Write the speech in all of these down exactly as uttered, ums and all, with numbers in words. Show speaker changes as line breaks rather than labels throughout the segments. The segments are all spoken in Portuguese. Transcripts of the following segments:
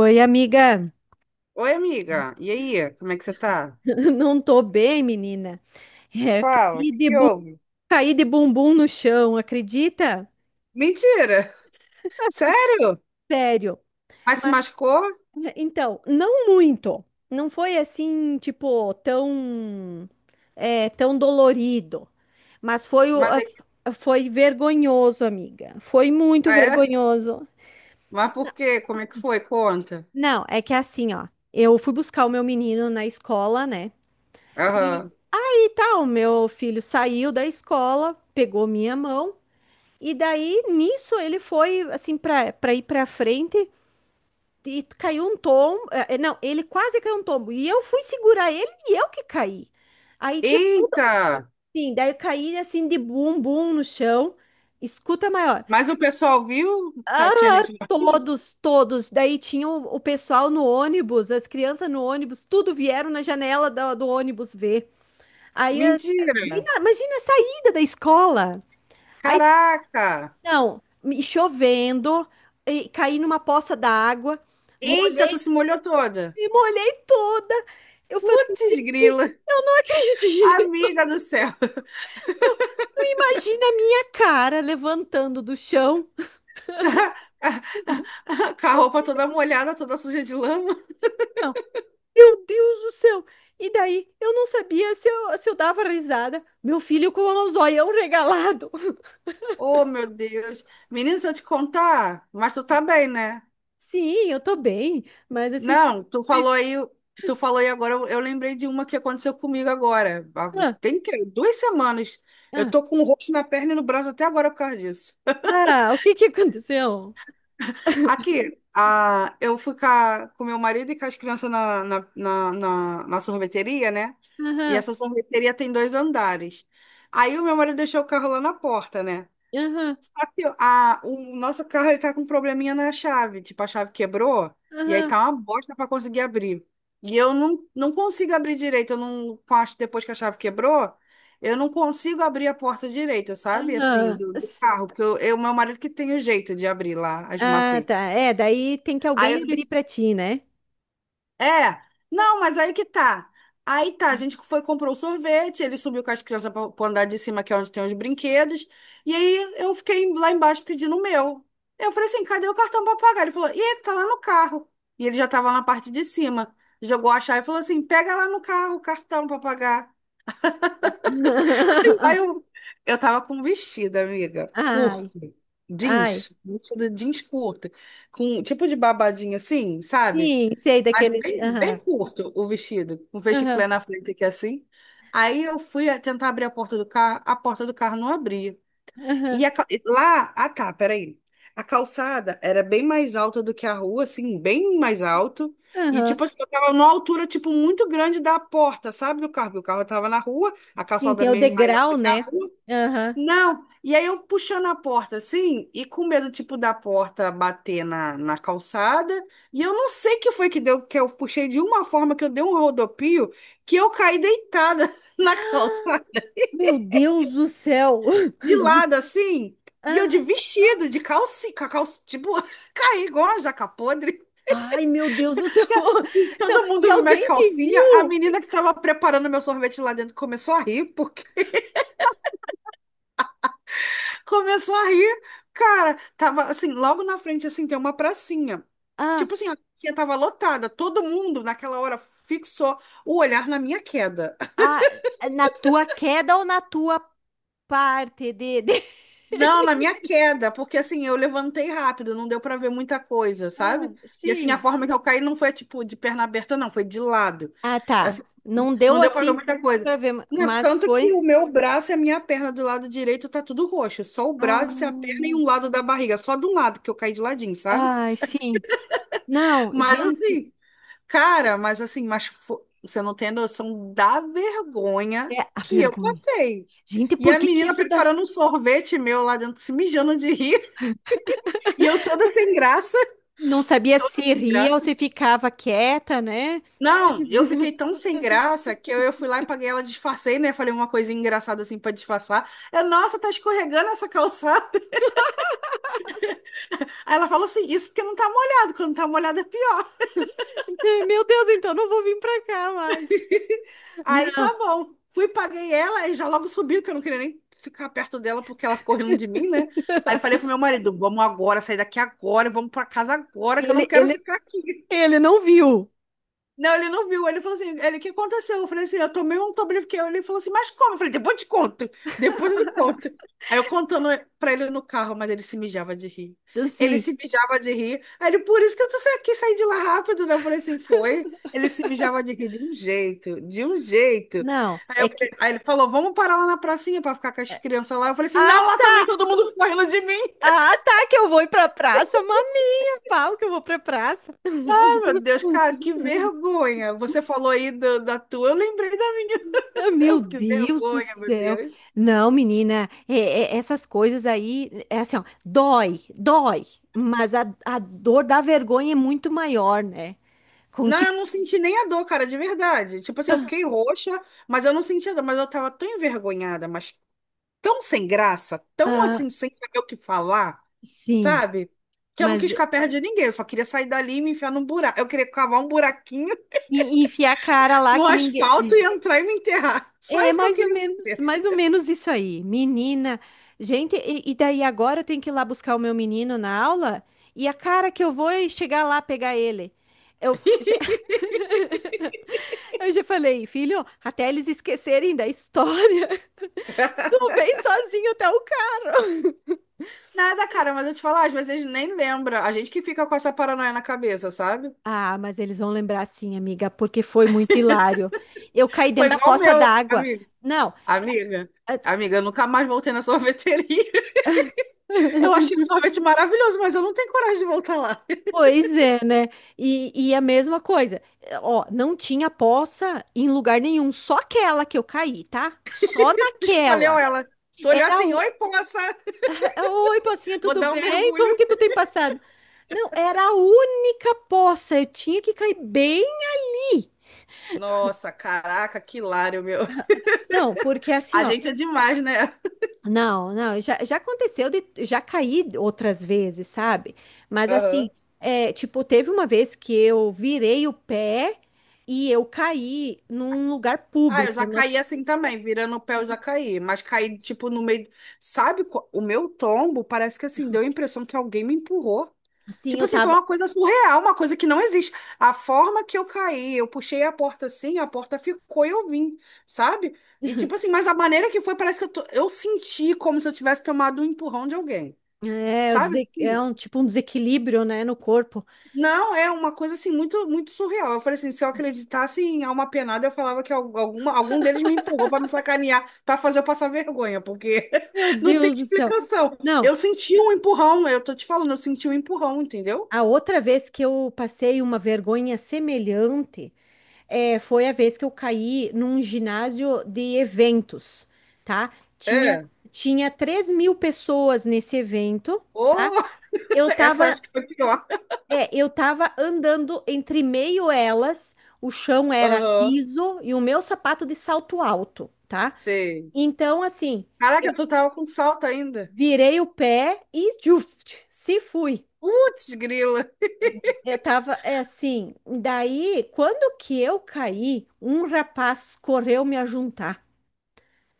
Oi, amiga.
Oi, amiga. E aí, como é que você tá?
Não tô bem, menina. É,
Fala, o
caí
que
de
que
bu-
houve?
caí de bumbum no chão, acredita?
Mentira! Sério?
Sério.
Mas se
Mas,
machucou?
então, não muito. Não foi assim, tipo, tão, é, tão dolorido. Mas foi, o-
Mas
a-
é?
foi vergonhoso, amiga. Foi muito
Ah, é?
vergonhoso.
Mas por quê? Como é que foi? Conta.
Não, é que assim, ó. Eu fui buscar o meu menino na escola, né? E,
Aham.
e tal, meu filho saiu da escola, pegou minha mão. E daí, nisso, ele foi, assim, para ir para frente e caiu um tombo. eh, Não, ele quase caiu um tombo. E eu fui segurar ele e eu que caí. Aí tinha
Eita!
assim, daí eu caí assim de bumbum no chão. Escuta maior.
Mas o pessoal viu? Tá, tinha
Ah,
gente.
todos, todos. Daí tinha o, o pessoal no ônibus, as crianças no ônibus, tudo vieram na janela do, do ônibus ver. Aí, as- bem
Mentira!
na- imagina a saída da escola.
Caraca!
Não, me chovendo, e caí numa poça d'água,
Eita, tu
molhei,
se molhou toda!
me molhei toda. Eu falei, gente,
Putz, grila!
eu não acredito.
Amiga do céu!
Não, tu imagina a minha cara levantando do chão.
Com a roupa toda molhada, toda suja de lama.
Não, meu Deus do céu. E daí, eu não sabia se eu, se eu dava risada. Meu filho com o zoião regalado.
Oh, meu Deus. Menino, se eu te contar, mas tu tá bem, né?
Sim, eu tô bem, mas assim,
Não, tu
foi-
falou aí, tu falou aí agora, eu, eu lembrei de uma que aconteceu comigo agora. Ah,
ah,
Tem que, duas semanas. Eu
ah,
tô com o roxo na perna e no braço até agora por causa disso.
ah, o que que aconteceu?
Aqui, ah, eu fui com, a- com meu marido e com as crianças na, na, na, na, na sorveteria, né? E
Aham,
essa sorveteria tem dois andares. Aí o meu marido deixou o carro lá na porta, né?
aham,
A, o nosso carro ele tá com um probleminha na chave. Tipo, a chave quebrou e aí
aham,
tá uma bosta pra conseguir abrir. E eu não, não consigo abrir direito. Eu não, com a- depois que a chave quebrou, eu não consigo abrir a porta direita, sabe? Assim,
aham.
do, do carro. Porque eu, eu- meu marido que tem o jeito de abrir lá as
Ah, tá.
macetes.
É, daí tem que
Aí
alguém
o
abrir
que
pra ti, né?
é, não, mas aí que tá. Aí tá, a gente foi, comprou o sorvete, ele subiu com as crianças pra, pro andar de cima, que é onde tem os brinquedos, e aí eu fiquei lá embaixo pedindo o meu. Eu falei assim, cadê o cartão pra pagar? Ele falou, ih, tá lá no carro. E ele já tava lá na parte de cima. Jogou a chave e falou assim, pega lá no carro o cartão pra pagar. Aí eu, eu tava com um vestido, amiga, curto,
Ai, ai.
jeans, vestido jeans curto, com um tipo de babadinho assim, sabe?
Sim, sei
Mas
daqueles.
bem,
Aham,
bem curto o vestido, com um
aham,
vesticlé na frente aqui assim. Aí eu fui a- tentar abrir a porta do carro, a porta do carro não abria.
aham,
E a ca- e lá, ah tá, peraí. A calçada era bem mais alta do que a rua, assim, bem mais alto. E
aham.
tipo assim, eu tava numa altura tipo muito grande da porta, sabe, do carro, porque o carro tava na rua, a
Sim,
calçada
tem o
meio mais
degrau,
alta que a
né?
rua.
Aham.
Não, e aí eu puxando a porta assim, e com medo, tipo, da porta bater na, na calçada, e eu não sei que foi que deu, que eu puxei de uma forma que eu dei um rodopio, que eu caí deitada na calçada,
Meu Deus do céu!
de lado assim, e eu de
Ah,
vestido, de calcinha, com a calça, tipo, caí igual a jaca podre,
ai, meu Deus do céu!
que
Não,
todo
e
mundo viu minha
alguém te
calcinha, a
viu?
menina que estava preparando meu sorvete lá dentro começou a rir. Começou a rir. Cara, tava assim, logo na frente, assim, tem uma pracinha.
Ah,
Tipo assim, a pracinha tava lotada. Todo mundo, naquela hora, fixou o olhar na minha queda.
ah, na tua queda ou na tua parte de... de-
Não, na minha queda, porque assim, eu levantei rápido, não deu pra ver muita coisa, sabe?
Ah,
E assim, a
sim.
forma que eu caí não foi tipo de perna aberta, não, foi de lado.
Ah,
Assim,
tá. Não deu
não deu pra ver
assim
muita coisa.
pra ver,
Não,
mas
tanto que
foi.
o meu braço e a minha perna do lado direito tá tudo roxo, só o
Ah,
braço e a perna e
meu.
um lado da barriga, só de um lado que eu caí de ladinho, sabe?
Ai, sim. Não,
Mas
gente,
assim, cara, mas assim, mas fo- você não tem noção da vergonha
é a
que eu
vergonha.
passei.
Gente,
E
por
a
que que
menina
isso dá?
preparando um sorvete meu lá dentro, se mijando de rir, e eu toda sem graça,
Não sabia
toda
se
sem
ria ou
graça.
se ficava quieta, né?
Não, eu fiquei tão sem graça que eu, eu fui lá e paguei ela, disfarcei, né? Falei uma coisa engraçada assim pra disfarçar. Eu, nossa, tá escorregando essa calçada. Aí ela falou assim, isso porque não tá molhado, quando tá molhado é pior.
Então, meu Deus, então não vou vir pra cá mais.
Aí tá
Não,
bom. Fui, paguei ela e já logo subiu, que eu não queria nem ficar perto dela porque ela ficou rindo de mim, né? Aí falei pro meu marido, vamos agora, sair daqui agora, vamos pra casa agora, que eu não
ele,
quero
ele,
ficar aqui.
ele não viu.
Não, ele não viu. Ele falou assim, ele, o que aconteceu? Eu falei assim, eu tomei um Tobriviquel. Ele falou assim, mas como? Eu falei, depois eu te conto. Depois eu te conto. Aí eu contando pra ele no carro, mas ele se mijava de rir. Ele
Assim,
se mijava de rir. Aí ele, por isso que eu tô sa- quis sair de lá rápido, né? Eu falei assim, foi. Ele se mijava de rir de um jeito, de um jeito.
não,
Aí,
é
eu falei-
que.
aí ele falou, vamos parar lá na pracinha pra ficar com as
é,
crianças lá. Eu falei assim,
Ah,
não, lá também
tá,
todo mundo correndo de mim.
ah, tá, que eu vou ir pra praça, maninha, pau, que eu vou pra praça.
Ai, meu Deus, cara, que vergonha. Você falou aí do- da tua, eu lembrei da minha.
Ah, meu
Eu, que
Deus do
vergonha, meu
céu.
Deus.
Não, menina, é- é- essas coisas aí, é assim, ó, dói, dói, mas a, a dor da vergonha é muito maior, né? Com
Não,
que.
eu não senti nem a dor, cara, de verdade. Tipo assim, eu
Ah,
fiquei roxa, mas eu não senti a dor, mas eu tava tão envergonhada, mas tão sem graça, tão
ah,
assim, sem saber o que falar,
sim,
sabe? Que eu não
mas
quis
e-
ficar perto de ninguém, eu só queria sair dali e me enfiar num buraco. Eu queria cavar um buraquinho
e enfiar a cara lá
no
que ninguém.
asfalto e entrar e me enterrar. Só
É
isso que eu
mais ou
queria
menos,
fazer.
mais ou menos isso aí. Menina, gente, e, e daí agora eu tenho que ir lá buscar o meu menino na aula e a cara que eu vou é chegar lá pegar ele. Eu f- já, eu já falei, filho, até eles esquecerem da história, tu vem sozinho até o carro.
Nada, cara, mas eu te falar, às vezes nem lembra. A gente que fica com essa paranoia na cabeça, sabe?
Ah, mas eles vão lembrar sim, amiga, porque foi muito hilário. Eu caí
Foi
dentro da
igual o
poça
meu,
d'água.
amigo.
Não.
Amiga, amiga, eu nunca mais voltei na sorveteria. Eu achei o sorvete maravilhoso, mas eu não tenho coragem de voltar lá.
Pois é, né? E, e a mesma coisa, eh, ó, não tinha poça em lugar nenhum, só aquela que eu caí, tá? Só
Escolheu
naquela.
ela. Tu olhou
Era
assim,
o.
oi, poça,
Oi, pocinha,
vou
tudo
dar um
bem?
mergulho.
Como que tu tem passado? Não, era a única poça, eu tinha que cair bem.
Nossa, caraca, que hilário, meu.
Não, porque assim,
A
ó,
gente é demais, né?
não, não, já, já aconteceu de, já caí outras vezes, sabe? Mas
Aham.
assim, é, tipo, teve uma vez que eu virei o pé e eu caí num lugar
Ah, eu
público.
já caí
Nossa,
assim também, virando o pé eu já caí, mas caí tipo no meio, sabe, co- o meu tombo parece que assim, deu a impressão que alguém me empurrou.
assim,
Tipo
eu
assim, foi
tava,
uma coisa surreal, uma coisa que não existe. A forma que eu caí, eu puxei a porta assim, a porta ficou e eu vim, sabe? E tipo assim, mas a maneira que foi, parece que eu, tô- eu senti como se eu tivesse tomado um empurrão de alguém,
é, eu
sabe?
dese- é um tipo um desequilíbrio, né, no corpo.
Não, é uma coisa assim muito muito surreal. Eu falei assim, se eu acreditasse em alma penada, eu falava que al- alguma, algum deles me empurrou para me sacanear, para fazer eu passar vergonha, porque
Meu
não tem
Deus do céu.
explicação.
Não,
Eu senti um empurrão, eu tô te falando, eu senti um empurrão, entendeu?
a outra vez que eu passei uma vergonha semelhante é, foi a vez que eu caí num ginásio de eventos, tá? Tinha,
É.
tinha três mil pessoas nesse evento.
Oh,
Eu
essa
tava,
acho que foi pior.
é, eu tava andando entre meio elas, o chão era
Aham,
liso e o meu sapato de salto alto, tá?
sei.
Então, assim,
Caraca, tu tava com salto ainda.
virei o pé e juft, se fui.
Putz, grila.
Eu tava é, assim, daí, quando que eu caí, um rapaz correu me ajuntar.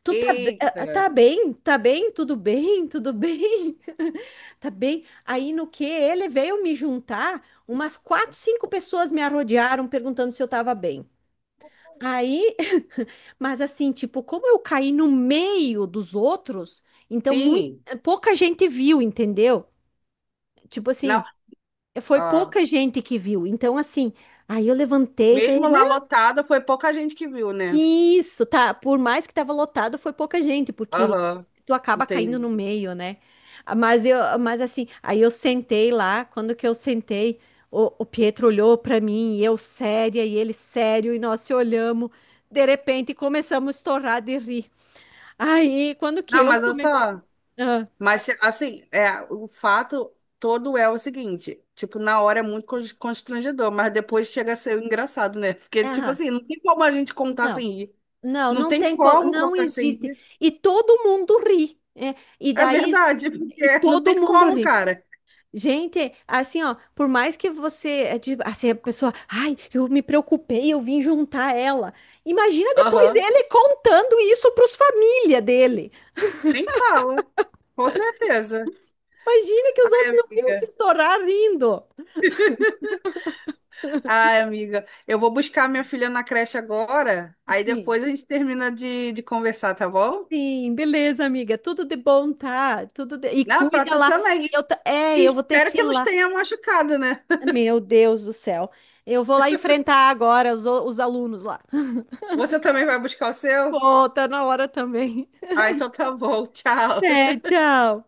Tu tá, be-
Eita.
ah, tá bem? Tá bem? Tudo bem? Tudo bem? Tá bem? Aí no que ele veio me juntar, umas quatro, cinco pessoas me arrodearam perguntando se eu tava bem. Aí, mas assim, tipo, como eu caí no meio dos outros, então muito,
Sim.
pouca gente viu, entendeu? Tipo assim,
Não,
foi
ah,
pouca gente que viu. Então, assim, aí eu levantei e falei,
mesmo lá lotada, foi pouca gente que viu, né?
isso, tá. Por mais que tava lotado, foi pouca gente, porque
Aham.
tu acaba caindo no
Entendi.
meio, né? Ah, mas eu, mas assim, aí eu sentei lá, quando que eu sentei, o, o Pietro olhou pra mim, e eu séria, e ele sério, e nós se olhamos. De repente começamos a estourar de rir. Aí, quando que
Não,
eu
mas olha
comecei.
só.
Ah,
Mas assim, é, o fato todo é o seguinte, tipo, na hora é muito cons- constrangedor, mas depois chega a ser engraçado, né? Porque, tipo
ah,
assim, não tem como a gente contar
não,
sem rir.
não,
Não
não
tem
tem como,
como
não
contar sem
existe.
rir.
E todo mundo ri, né? E
É
daí,
verdade,
e
porque não
todo
tem
mundo
como,
ri.
cara.
Gente, assim, ó, por mais que você, é de- assim, a pessoa, ai, eu me preocupei, eu vim juntar ela. Imagina depois
Aham.
ele contando isso para os família dele.
Nem fala, com certeza.
Imagina que os
Ai,
outros não iam se
amiga.
estourar rindo.
Ai, amiga. Eu vou buscar minha filha na creche agora, aí
Sim,
depois a gente termina de, de conversar, tá bom?
sim, beleza, amiga, tudo de bom, tá? Tudo de- E
Não, pra
cuida
tu
lá,
também.
que eu ta-
E
é, eu vou ter
espero
que ir
que nos
lá.
tenha machucado, né?
Meu Deus do céu. Eu vou lá enfrentar agora os, o- os alunos lá.
Você também vai buscar o seu?
Pô, tá na hora também.
Ah, então tá bom. Tchau.
É, tchau.